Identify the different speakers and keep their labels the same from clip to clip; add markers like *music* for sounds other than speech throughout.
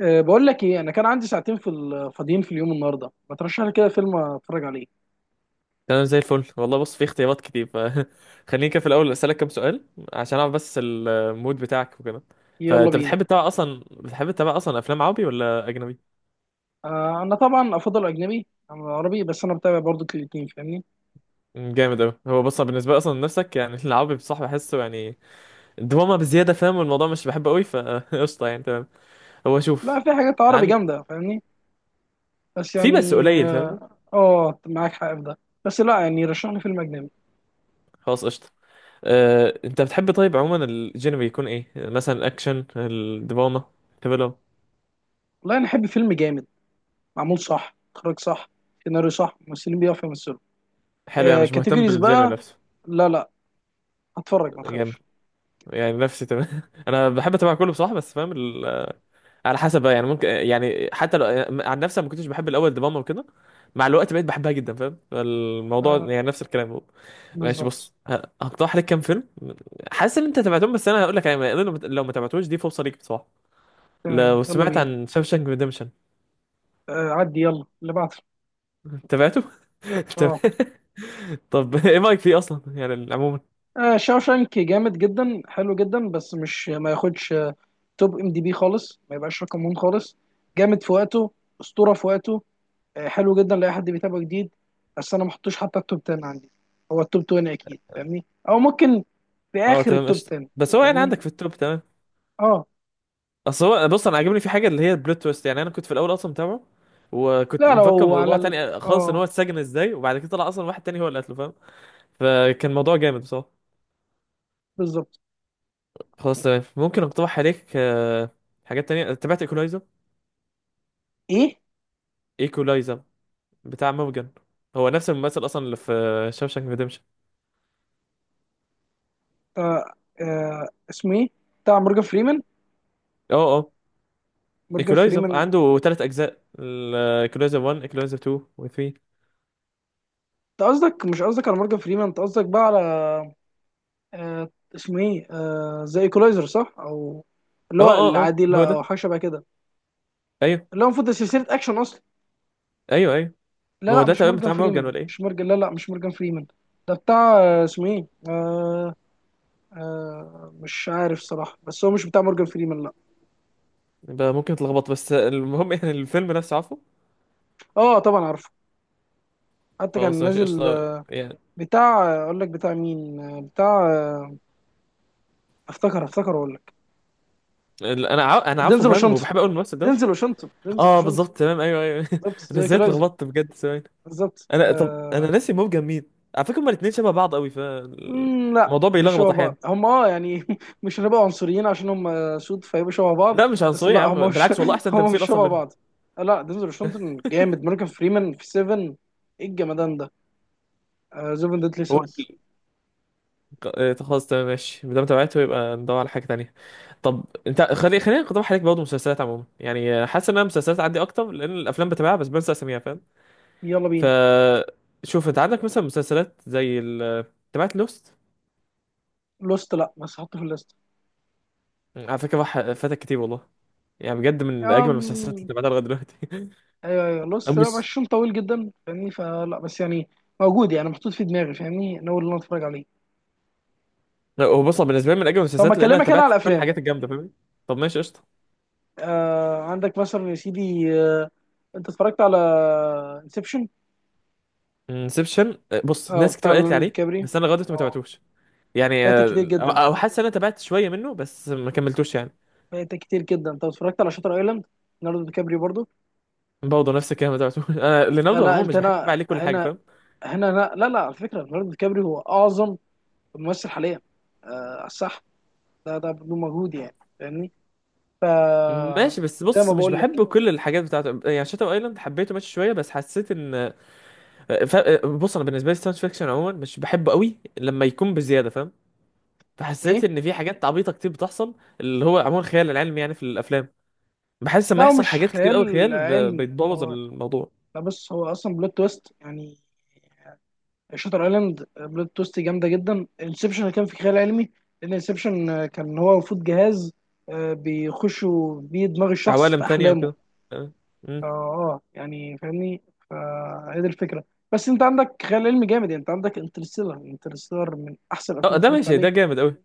Speaker 1: بقول لك ايه. انا كان عندي ساعتين في فاضيين في اليوم النهارده، ما ترشح لي كده فيلم اتفرج عليه.
Speaker 2: تمام، زي الفل والله. بص، في اختيارات كتير فخليني *laughs* كده في الاول اسالك كام سؤال عشان اعرف بس المود بتاعك وكده.
Speaker 1: يلا
Speaker 2: فانت
Speaker 1: بينا.
Speaker 2: بتحب تتابع اصلا، افلام عربي ولا اجنبي؟
Speaker 1: انا طبعا افضل اجنبي عن العربي، بس انا بتابع برضو الاتنين، فاهمني؟
Speaker 2: جامد اوي. هو بص، أنا بالنسبه لي اصلا نفسك يعني *laughs* العربي بصح بحسه يعني دراما بزياده، فاهم؟ والموضوع مش بحبه قوي فقشطه *laughs* يعني. تمام، هو
Speaker 1: بقى
Speaker 2: شوف.
Speaker 1: في حاجات عربي
Speaker 2: عن
Speaker 1: جامده، فاهمني؟ بس
Speaker 2: في بس
Speaker 1: يعني
Speaker 2: قليل فاهمني.
Speaker 1: معاك حق في ده. بس لا، يعني رشح لي فيلم اجنبي.
Speaker 2: خلاص قشطه. انت بتحب طيب عموما الجينري يكون ايه؟ مثلا الاكشن، الدراما، ثريلر.
Speaker 1: والله انا احب فيلم جامد، معمول صح، اخراج صح، سيناريو صح، ممثلين بيعرفوا يمثلوا.
Speaker 2: حلو، يعني مش مهتم
Speaker 1: كاتيجوريز
Speaker 2: بالجينري
Speaker 1: بقى.
Speaker 2: نفسه.
Speaker 1: لا لا، هتفرج ما
Speaker 2: جامد
Speaker 1: تخافش.
Speaker 2: يعني نفسي. تمام، *laughs* انا بحب اتابع كله بصراحه، بس فاهم على حسب بقى. يعني ممكن يعني حتى لو عن نفسي، أنا ما كنتش بحب الاول دراما وكده، مع الوقت بقيت بحبها جدا، فاهم
Speaker 1: لا
Speaker 2: الموضوع؟
Speaker 1: لا،
Speaker 2: يعني نفس الكلام هو. ماشي
Speaker 1: بالظبط.
Speaker 2: بص، هقترح لك كام فيلم. حاسس ان انت تابعتهم بس انا هقول لك، يعني لو ما لو ما تابعتوش دي فرصه ليك بصراحه.
Speaker 1: تمام،
Speaker 2: لو
Speaker 1: يلا
Speaker 2: سمعت
Speaker 1: بينا.
Speaker 2: عن شاوشانك ريديمشن.
Speaker 1: عدي، يلا اللي بعده.
Speaker 2: تابعته.
Speaker 1: اه.
Speaker 2: *laughs* طب ايه رايك فيه اصلا يعني عموما؟
Speaker 1: شاوشانك جامد جدا، حلو جدا، بس مش ما ياخدش توب ام دي بي خالص، ما يبقاش رقم ون خالص. جامد في وقته، اسطوره في وقته. حلو جدا لاي حد بيتابع جديد. بس انا ما احطوش حتى التوب 10 عندي، هو التوب 20 اكيد، فاهمني، او ممكن في
Speaker 2: اه
Speaker 1: اخر
Speaker 2: تمام
Speaker 1: التوب
Speaker 2: قشطه.
Speaker 1: 10.
Speaker 2: بس هو يعني
Speaker 1: فاهمني.
Speaker 2: عندك في التوب، تمام.
Speaker 1: اه.
Speaker 2: اصل هو بص، انا عاجبني في حاجه اللي هي البلوت تويست. يعني انا كنت في الاول اصلا متابعه وكنت
Speaker 1: لا،
Speaker 2: مفكر
Speaker 1: لو على
Speaker 2: موضوع
Speaker 1: ال...
Speaker 2: تاني خالص، ان
Speaker 1: اه
Speaker 2: هو اتسجن ازاي، وبعد كده طلع اصلا واحد تاني هو اللي قتله فاهم. فكان موضوع جامد بصراحه.
Speaker 1: بالظبط.
Speaker 2: خلاص تمام، ممكن اقترح عليك حاجات تانية. تابعت ايكولايزر؟
Speaker 1: ايه.
Speaker 2: ايكولايزر بتاع موجن، هو نفس الممثل اصلا اللي في شاوشانك ريديمشن.
Speaker 1: آه اسمه ايه؟ بتاع مورجان فريمان،
Speaker 2: اه اه.
Speaker 1: مورجان
Speaker 2: ايكولايزر
Speaker 1: فريمان.
Speaker 2: عنده ثلاث اجزاء: ايكولايزر 1، ايكولايزر 2 و 3.
Speaker 1: انت قصدك، مش قصدك على مورجان فريمان، انت قصدك بقى على آه اسمه ايه؟ زي ايكولايزر صح، او اللي
Speaker 2: اه
Speaker 1: هو
Speaker 2: اه اه هو
Speaker 1: العادله او
Speaker 2: ده.
Speaker 1: حاجه شبه كده،
Speaker 2: ايوه
Speaker 1: اللي هو المفروض ده سلسله اكشن اصلا.
Speaker 2: ايوه ايوه.
Speaker 1: لا
Speaker 2: ما هو
Speaker 1: لا،
Speaker 2: ده
Speaker 1: مش
Speaker 2: تمام،
Speaker 1: مورجان
Speaker 2: بتاع موجن
Speaker 1: فريمان،
Speaker 2: ولا
Speaker 1: مش
Speaker 2: ايه؟
Speaker 1: مورجان، لا لا، مش مورجان فريمان. ده بتاع اسمه ايه؟ مش عارف صراحه، بس هو مش بتاع مورجان فريمان، لا.
Speaker 2: يبقى ممكن تلخبط، بس المهم يعني الفيلم نفسه عارفه.
Speaker 1: اه طبعا عارفه، حتى كان
Speaker 2: خلاص ماشي
Speaker 1: نازل
Speaker 2: قشطة. يعني
Speaker 1: بتاع اقول لك بتاع مين بتاع افتكر اقول لك.
Speaker 2: انا عارف، انا
Speaker 1: دينزل
Speaker 2: عارفه فاهم،
Speaker 1: واشنطن،
Speaker 2: وبحب اقول الممثل ده.
Speaker 1: دينزل واشنطن، دينزل
Speaker 2: اه
Speaker 1: واشنطن.
Speaker 2: بالظبط تمام، ايوه ايوه.
Speaker 1: بالظبط،
Speaker 2: *laughs* انا
Speaker 1: زي
Speaker 2: ازاي
Speaker 1: ايكولايزر،
Speaker 2: اتلخبطت بجد؟ ثواني.
Speaker 1: بالظبط
Speaker 2: انا طب انا ناسي، موجة مين على فكرة؟ هما الاتنين شبه بعض قوي
Speaker 1: لا،
Speaker 2: فالموضوع
Speaker 1: مش
Speaker 2: بيلخبط
Speaker 1: شبه بعض.
Speaker 2: احيانا.
Speaker 1: هم يعني *laughs* مش هنبقى عنصريين عشان هم سود فيبقوا شبه
Speaker 2: لا
Speaker 1: بعض،
Speaker 2: مش
Speaker 1: بس
Speaker 2: عنصرية يا
Speaker 1: لا، هم
Speaker 2: عم،
Speaker 1: مش،
Speaker 2: بالعكس والله
Speaker 1: *laughs*
Speaker 2: احسن
Speaker 1: هم مش
Speaker 2: تمثيل اصلا
Speaker 1: شبه
Speaker 2: منهم.
Speaker 1: بعض. لا، دينزل واشنطن جامد، مورجان فريمان في 7، ايه الجمدان ده، زيفن ديتلي
Speaker 2: هو
Speaker 1: سانس.
Speaker 2: خلاص تمام ماشي، ما دام تابعته يبقى ندور على حاجة تانية. طب انت خلينا نقترح عليك برضه مسلسلات عموما، يعني حاسس ان انا مسلسلات عندي اكتر، لان الافلام بتابعها بس بنسى اساميها فاهم.
Speaker 1: يلا
Speaker 2: ف
Speaker 1: بينا.
Speaker 2: شوف، انت عندك مثلا مسلسلات زي تبعت لوست؟
Speaker 1: لوست، لا بس حطه في الليست.
Speaker 2: على فكره راح فاتك كتير والله. يعني بجد من اجمل المسلسلات اللي
Speaker 1: أم...
Speaker 2: تابعتها لغايه دلوقتي. *laughs*
Speaker 1: ايوه ايوه،
Speaker 2: أو
Speaker 1: لوست لا، بس
Speaker 2: مش
Speaker 1: عشان طويل جدا فاهمني، فلا، بس يعني موجود، يعني محطوط في دماغي، فاهمني، ناوي ان انا اتفرج عليه.
Speaker 2: لا، هو بص هو بالنسبه لي من اجمل
Speaker 1: طب ما
Speaker 2: المسلسلات، لان انا
Speaker 1: اكلمك انا
Speaker 2: تابعت
Speaker 1: على
Speaker 2: كل
Speaker 1: الافلام.
Speaker 2: الحاجات الجامده فاهمني. طب ماشي قشطه.
Speaker 1: عندك مثلا يا سيدي انت اتفرجت على انسبشن؟
Speaker 2: انسبشن. بص
Speaker 1: اه
Speaker 2: ناس
Speaker 1: بتاع
Speaker 2: كتير قالت لي
Speaker 1: ليوناردو دي
Speaker 2: عليه
Speaker 1: كابري.
Speaker 2: بس انا لغايه دلوقتي ما
Speaker 1: اه،
Speaker 2: تابعتوش. يعني
Speaker 1: فايتك كتير
Speaker 2: آه، او
Speaker 1: جدا،
Speaker 2: أو حاسس ان انا تابعت شويه منه بس ما كملتوش يعني.
Speaker 1: فايتك كتير جدا. انت اتفرجت على شاتر ايلاند؟ ليوناردو دي كابري برضو.
Speaker 2: برضه نفس الكلام، ما تابعتوش. *laughs* انا
Speaker 1: لا
Speaker 2: ليناردو
Speaker 1: لا
Speaker 2: عموما
Speaker 1: انت،
Speaker 2: مش بحب اتابع
Speaker 1: هنا
Speaker 2: عليه كل حاجه
Speaker 1: هنا،
Speaker 2: فاهم.
Speaker 1: هنا لا لا, لا، على فكره ليوناردو دي كابري هو اعظم ممثل حاليا. آه صح، ده بدون مجهود يعني فاهمني.
Speaker 2: ماشي بس
Speaker 1: زي ما
Speaker 2: بص، مش
Speaker 1: بقول لك.
Speaker 2: بحب كل الحاجات بتاعته يعني. شاتر ايلاند حبيته ماشي شويه، بس حسيت ان ف... آه، بص انا بالنسبه لي ساينس فيكشن عموما مش بحبه قوي لما يكون بزياده فاهم. فحسيت
Speaker 1: ايه.
Speaker 2: ان في حاجات عبيطه كتير بتحصل، اللي هو عموما خيال العلمي يعني في الافلام. بحس
Speaker 1: لا،
Speaker 2: لما
Speaker 1: هو
Speaker 2: يحصل
Speaker 1: مش
Speaker 2: حاجات كتير قوي
Speaker 1: خيال
Speaker 2: خيال
Speaker 1: علمي،
Speaker 2: بيتبوظ
Speaker 1: هو
Speaker 2: الموضوع.
Speaker 1: لا، بص، هو اصلا بلوت تويست، يعني شاتر ايلاند بلوت توست جامده جدا. انسبشن كان في خيال علمي، لان انسبشن كان هو المفروض جهاز بيخشوا بيه دماغ الشخص
Speaker 2: عوالم
Speaker 1: في
Speaker 2: تانية
Speaker 1: احلامه.
Speaker 2: وكده. تمام. مم.
Speaker 1: يعني فاهمني، فهي دي الفكره. بس انت عندك خيال علمي جامد، يعني انت عندك انترستيلر، انترستيلر من احسن الافلام
Speaker 2: اه
Speaker 1: اللي
Speaker 2: ده
Speaker 1: اتفرجت
Speaker 2: ماشي، ده
Speaker 1: عليه.
Speaker 2: جامد قوي.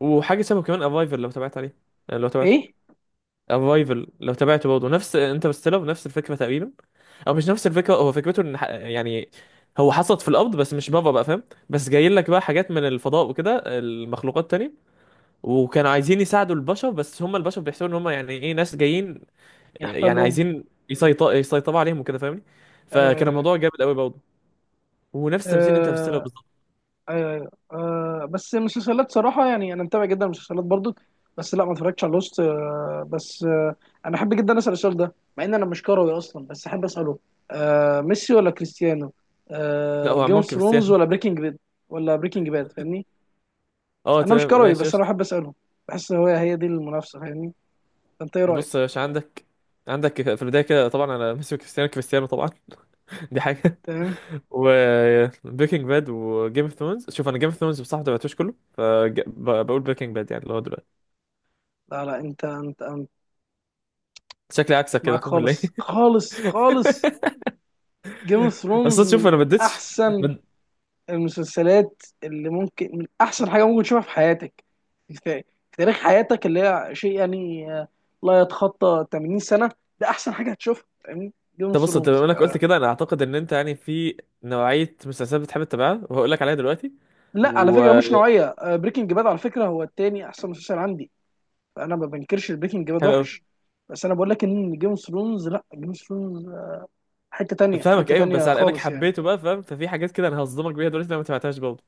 Speaker 2: وحاجه شبه كمان، افايفر لو تابعت عليه. لو تابعته.
Speaker 1: ايه.
Speaker 2: افايفل لو تابعته برضه نفس انترستيلر، نفس الفكره تقريبا. او مش نفس الفكره، هو فكرته ان يعني هو حصلت في الارض بس مش بابا بقى فاهم. بس جايين لك بقى حاجات من الفضاء وكده، المخلوقات تاني، وكانوا عايزين يساعدوا البشر، بس هم البشر بيحسوا ان هم يعني ايه، ناس جايين. يعني
Speaker 1: يحتلهم.
Speaker 2: عايزين يسيطروا عليهم وكده فاهمني. فكان
Speaker 1: آه
Speaker 2: الموضوع جامد قوي برضه. ونفس تمثيل انترستيلر
Speaker 1: آه
Speaker 2: بالظبط.
Speaker 1: ايوه ايوه بس المسلسلات صراحه، يعني انا متابع جدا المسلسلات برضو. بس لا ما اتفرجتش على لوست بس انا احب جدا اسال السؤال ده مع ان انا مش كروي اصلا، بس احب اساله. ميسي ولا كريستيانو؟
Speaker 2: لا هو
Speaker 1: جيم اوف
Speaker 2: عمون
Speaker 1: ثرونز
Speaker 2: كريستيانو.
Speaker 1: ولا بريكنج باد؟ ولا بريكنج باد، فاهمني؟
Speaker 2: اه
Speaker 1: انا مش
Speaker 2: تمام
Speaker 1: كروي
Speaker 2: ماشي
Speaker 1: بس انا
Speaker 2: قشطة.
Speaker 1: احب اساله، بحس هو هي دي المنافسه، فاهمني. فانت ايه رايك؟
Speaker 2: بص يا باشا، عندك في البدايه كده، طبعا انا ميسي كريستيانو، كريستيانو طبعا. *laughs* دي حاجه.
Speaker 1: تمام.
Speaker 2: وبريكنج باد وجيم اوف ثرونز، شوف انا جيم اوف ثرونز بصراحه ما تابعتوش كله، فبقول بريكنج باد يعني اللي هو دلوقتي.
Speaker 1: لا لا، انت
Speaker 2: شكلي عكسك
Speaker 1: مش
Speaker 2: كده، *laughs*
Speaker 1: معاك،
Speaker 2: طب ولا
Speaker 1: خالص
Speaker 2: ايه؟
Speaker 1: خالص خالص.
Speaker 2: *laughs*
Speaker 1: جيم اوف ثرونز
Speaker 2: اصل شوف
Speaker 1: من
Speaker 2: انا ما اديتش
Speaker 1: احسن
Speaker 2: ما-
Speaker 1: المسلسلات، اللي ممكن، من احسن حاجه ممكن تشوفها في حياتك، في في تاريخ حياتك، اللي هي شيء يعني لا يتخطى 80 سنه. ده احسن حاجه هتشوفها، فاهمني، جيم اوف
Speaker 2: طب بص انت بما
Speaker 1: ثرونز.
Speaker 2: انك قلت كده، انا اعتقد ان انت يعني في نوعيه مسلسلات بتحب تتابعها، وهقول لك عليها دلوقتي.
Speaker 1: لا، على
Speaker 2: و
Speaker 1: فكره مش نوعيه بريكنج باد، على فكره هو التاني احسن مسلسل عندي، فانا ما بنكرش بريكنج باد
Speaker 2: حلو قوي.
Speaker 1: وحش. بس انا بقول لك ان جيم اوف ثرونز، لا جيم اوف ثرونز حته تانية،
Speaker 2: فاهمك،
Speaker 1: حته
Speaker 2: ايوه بس
Speaker 1: تانية
Speaker 2: على انك
Speaker 1: خالص يعني.
Speaker 2: حبيته بقى فاهم، ففي حاجات كده انا هصدمك بيها دلوقتي لو ما تابعتهاش برضه.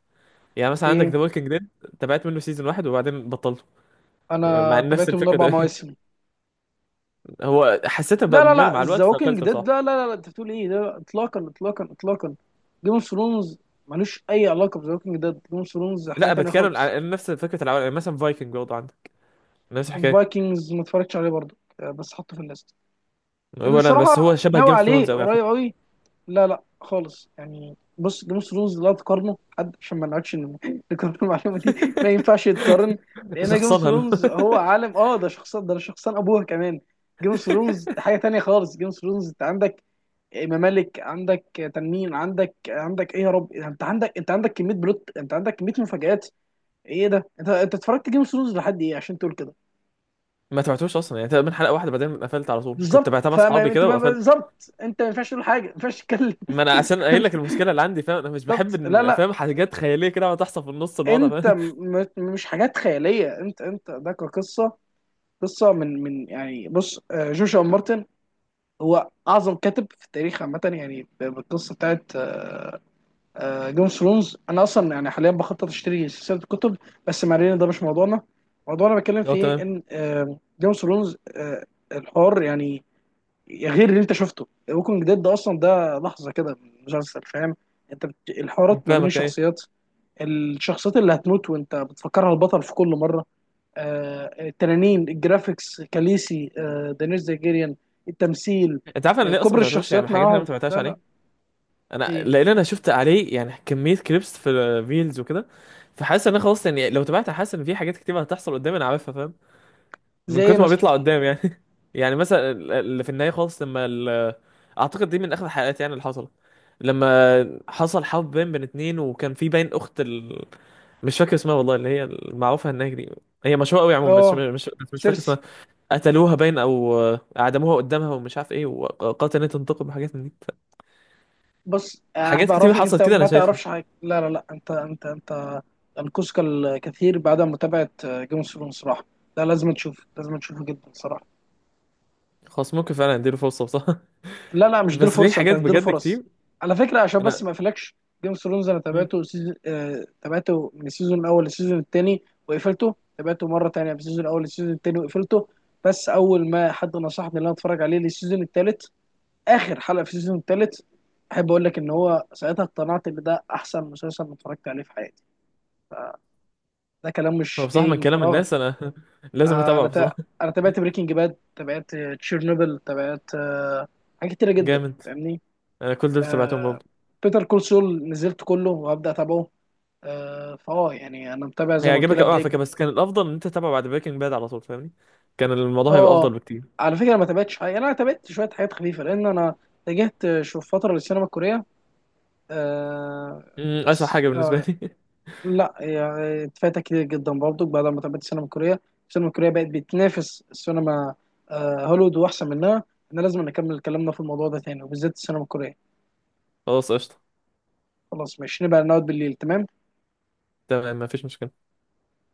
Speaker 2: يعني مثلا عندك
Speaker 1: ايه.
Speaker 2: ذا ووكينج ديد. تابعت منه سيزون واحد وبعدين بطلته، مع
Speaker 1: انا
Speaker 2: إن نفس
Speaker 1: تابعته من
Speaker 2: الفكره
Speaker 1: اربع
Speaker 2: تقريبا.
Speaker 1: مواسم
Speaker 2: هو حسيت إنه بقى
Speaker 1: لا لا
Speaker 2: ممل
Speaker 1: لا،
Speaker 2: مع
Speaker 1: ذا
Speaker 2: الوقت
Speaker 1: ووكينج
Speaker 2: فقفلته
Speaker 1: ديد،
Speaker 2: بصراحه.
Speaker 1: لا لا لا لا، انت بتقول ايه؟ لا لا، اطلاقا اطلاقا اطلاقا. جيم اوف ثرونز ملوش اي علاقه بذا ووكينج ديد، جيم اوف ثرونز حاجه
Speaker 2: لا
Speaker 1: تانية
Speaker 2: بتكلم
Speaker 1: خالص.
Speaker 2: على نفس فكره العوالم، يعني مثلا فايكنج برضه عندك نفس الحكايه.
Speaker 1: فايكنجز ما اتفرجتش عليه برضه بس حطه في الليست، اللي
Speaker 2: ولا انا بس،
Speaker 1: صراحه
Speaker 2: هو شبه جيم
Speaker 1: ناوي
Speaker 2: اوف
Speaker 1: عليه
Speaker 2: ثرونز قوي على فكره.
Speaker 1: قريب قوي. لا لا خالص، يعني بص، جيم اوف ثرونز لا تقارنه حد، عشان ما نقعدش *laughs* نكرر المعلومه دي، ما ينفعش يتقارن.
Speaker 2: *laughs*
Speaker 1: لان جيم اوف
Speaker 2: شخصنها.
Speaker 1: ثرونز هو عالم، ده شخصان، ده شخصان ابوها كمان. جيم اوف ثرونز حاجه تانية خالص. جيم اوف ثرونز انت عندك ممالك، عندك تنمين، عندك ايه يا رب، انت عندك كميه بلوت، انت عندك كميه مفاجآت. ايه ده، انت اتفرجت جيم اوف ثرونز لحد ايه عشان تقول كده؟
Speaker 2: *laughs* ما تبعتوش اصلا يعني، تقريبا حلقه واحده بعدين قفلت على طول. كنت
Speaker 1: بالظبط،
Speaker 2: تبعتها مع اصحابي
Speaker 1: فما انت
Speaker 2: كده
Speaker 1: ما-
Speaker 2: وقفلت.
Speaker 1: بالظبط انت ما ينفعش تقول حاجه، ما ينفعش تتكلم.
Speaker 2: ما انا اصلا
Speaker 1: *laughs*
Speaker 2: قايل لك المشكله اللي عندي فاهم، انا مش بحب
Speaker 1: بالظبط، لا لا،
Speaker 2: فاهم، حاجات خياليه كده وتحصل تحصل في النص الوضع
Speaker 1: انت
Speaker 2: فاهم.
Speaker 1: مش حاجات خياليه، انت ده كقصه، قصه من يعني بص جوشوا مارتن هو اعظم كاتب في التاريخ عامه، يعني بالقصه بتاعت جيم اوف ثرونز. انا اصلا يعني حاليا بخطط اشتري سلسله الكتب، بس ما علينا ده مش موضوعنا، موضوعنا بتكلم
Speaker 2: *laughs* هو
Speaker 1: فيه
Speaker 2: تمام.
Speaker 1: ان جيم اوف ثرونز الحوار يعني غير. اللي انت شفته ووكينج ديد ده اصلا ده لحظه كده من المسلسل، فاهم. الحوارات ما بين
Speaker 2: فاهمك، ايه.
Speaker 1: الشخصيات، الشخصيات اللي هتموت وانت بتفكرها البطل في كل مره، التنانين، الجرافيكس، كاليسي، دانيس زيجيريان، التمثيل،
Speaker 2: انت عارف انا ليه اصلا
Speaker 1: كبر
Speaker 2: ما تبعتوش يعني،
Speaker 1: الشخصيات
Speaker 2: حاجات انا ما
Speaker 1: معاهم.
Speaker 2: تبعتهاش
Speaker 1: لا لا.
Speaker 2: عليه؟ انا
Speaker 1: إيه؟
Speaker 2: لان انا شفت عليه يعني كميه كليبس في فيلز وكده. فحاسس ان انا خلاص يعني لو تبعت، حاسس ان في حاجات كتير هتحصل قدامي انا عارفها فاهم، من
Speaker 1: زي
Speaker 2: كتر ما
Speaker 1: مثلا.
Speaker 2: بيطلع قدام يعني. *laughs* يعني مثلا اللي في النهاية خالص، لما اعتقد دي من اخر الحلقات يعني اللي حصلت، لما حصل حب بين اتنين وكان في باين اخت مش فاكر اسمها والله، اللي هي المعروفة هناك دي. هي مشهورة قوي عموما، بس
Speaker 1: اه،
Speaker 2: مش بس مش فاكر
Speaker 1: سيرسي.
Speaker 2: اسمها. قتلوها باين او اعدموها قدامها ومش عارف ايه، وقالت ان هي تنتقم وحاجات من دي
Speaker 1: بص
Speaker 2: حاجات كتير
Speaker 1: بعرفك انت
Speaker 2: حصلت كده انا
Speaker 1: ما
Speaker 2: شايفها.
Speaker 1: تعرفش حاجه، لا لا لا، انت انقذك الكثير بعد متابعه جيم اوف ثرونز صراحه. لا لازم تشوف، لازم تشوفه جدا صراحه.
Speaker 2: خلاص ممكن فعلا اديله فرصة بصراحة.
Speaker 1: لا لا،
Speaker 2: *laughs*
Speaker 1: مش دي
Speaker 2: بس في
Speaker 1: الفرصه، انت
Speaker 2: حاجات
Speaker 1: هتديله
Speaker 2: بجد
Speaker 1: فرص.
Speaker 2: كتير.
Speaker 1: على فكره عشان بس
Speaker 2: انا،
Speaker 1: ما اقفلكش، جيم اوف ثرونز انا
Speaker 2: مم.
Speaker 1: تابعته سيزون آه تابعته من السيزون الاول للسيزون الثاني وقفلته، تابعته مره ثانيه من السيزون الاول للسيزون الثاني وقفلته. بس اول ما حد نصحني ان انا اتفرج عليه للسيزون الثالث، اخر حلقه في السيزون الثالث، احب اقول لك ان هو ساعتها اقتنعت ان ده احسن مسلسل أنا اتفرجت عليه في حياتي. ده كلام
Speaker 2: هو
Speaker 1: مش
Speaker 2: بصراحة
Speaker 1: جاي
Speaker 2: من
Speaker 1: من
Speaker 2: كلام
Speaker 1: فراغ.
Speaker 2: الناس انا *laughs* لازم
Speaker 1: آه،
Speaker 2: اتابعه
Speaker 1: انا تا...
Speaker 2: بصراحة.
Speaker 1: انا تابعت بريكنج باد، تابعت تشيرنوبل، تابعت حاجات كتيره جدا،
Speaker 2: جامد.
Speaker 1: فاهمني.
Speaker 2: انا كل دول سمعتهم
Speaker 1: آه،
Speaker 2: برضه.
Speaker 1: بيتر كول سول نزلت كله وهبدا اتابعه. آه، فاه يعني انا متابع زي ما قلت
Speaker 2: هيعجبك
Speaker 1: لك
Speaker 2: قوي على
Speaker 1: جاي.
Speaker 2: فكره، بس كان الافضل ان انت تتابعه بعد بريكنج باد على طول فاهمني. كان الموضوع هيبقى افضل
Speaker 1: اه،
Speaker 2: بكتير.
Speaker 1: على فكره ما تابعتش حاجه، يعني انا تابعت شويه حاجات خفيفه لان انا اتجهت شوف فتره للسينما الكوريه. آه،
Speaker 2: اسوء
Speaker 1: بس
Speaker 2: حاجه بالنسبه لي.
Speaker 1: لا يعني اتفاتها كتير جدا برضو. بعد ما تابعت السينما الكورية، السينما الكورية بقت بتنافس السينما هوليوود، وأحسن منها. احنا لازم نكمل كلامنا في الموضوع ده تاني، وبالذات السينما الكورية.
Speaker 2: *laughs* خلاص قشطه.
Speaker 1: خلاص ماشي، نبقى نقعد بالليل، تمام.
Speaker 2: تمام مفيش مشكله.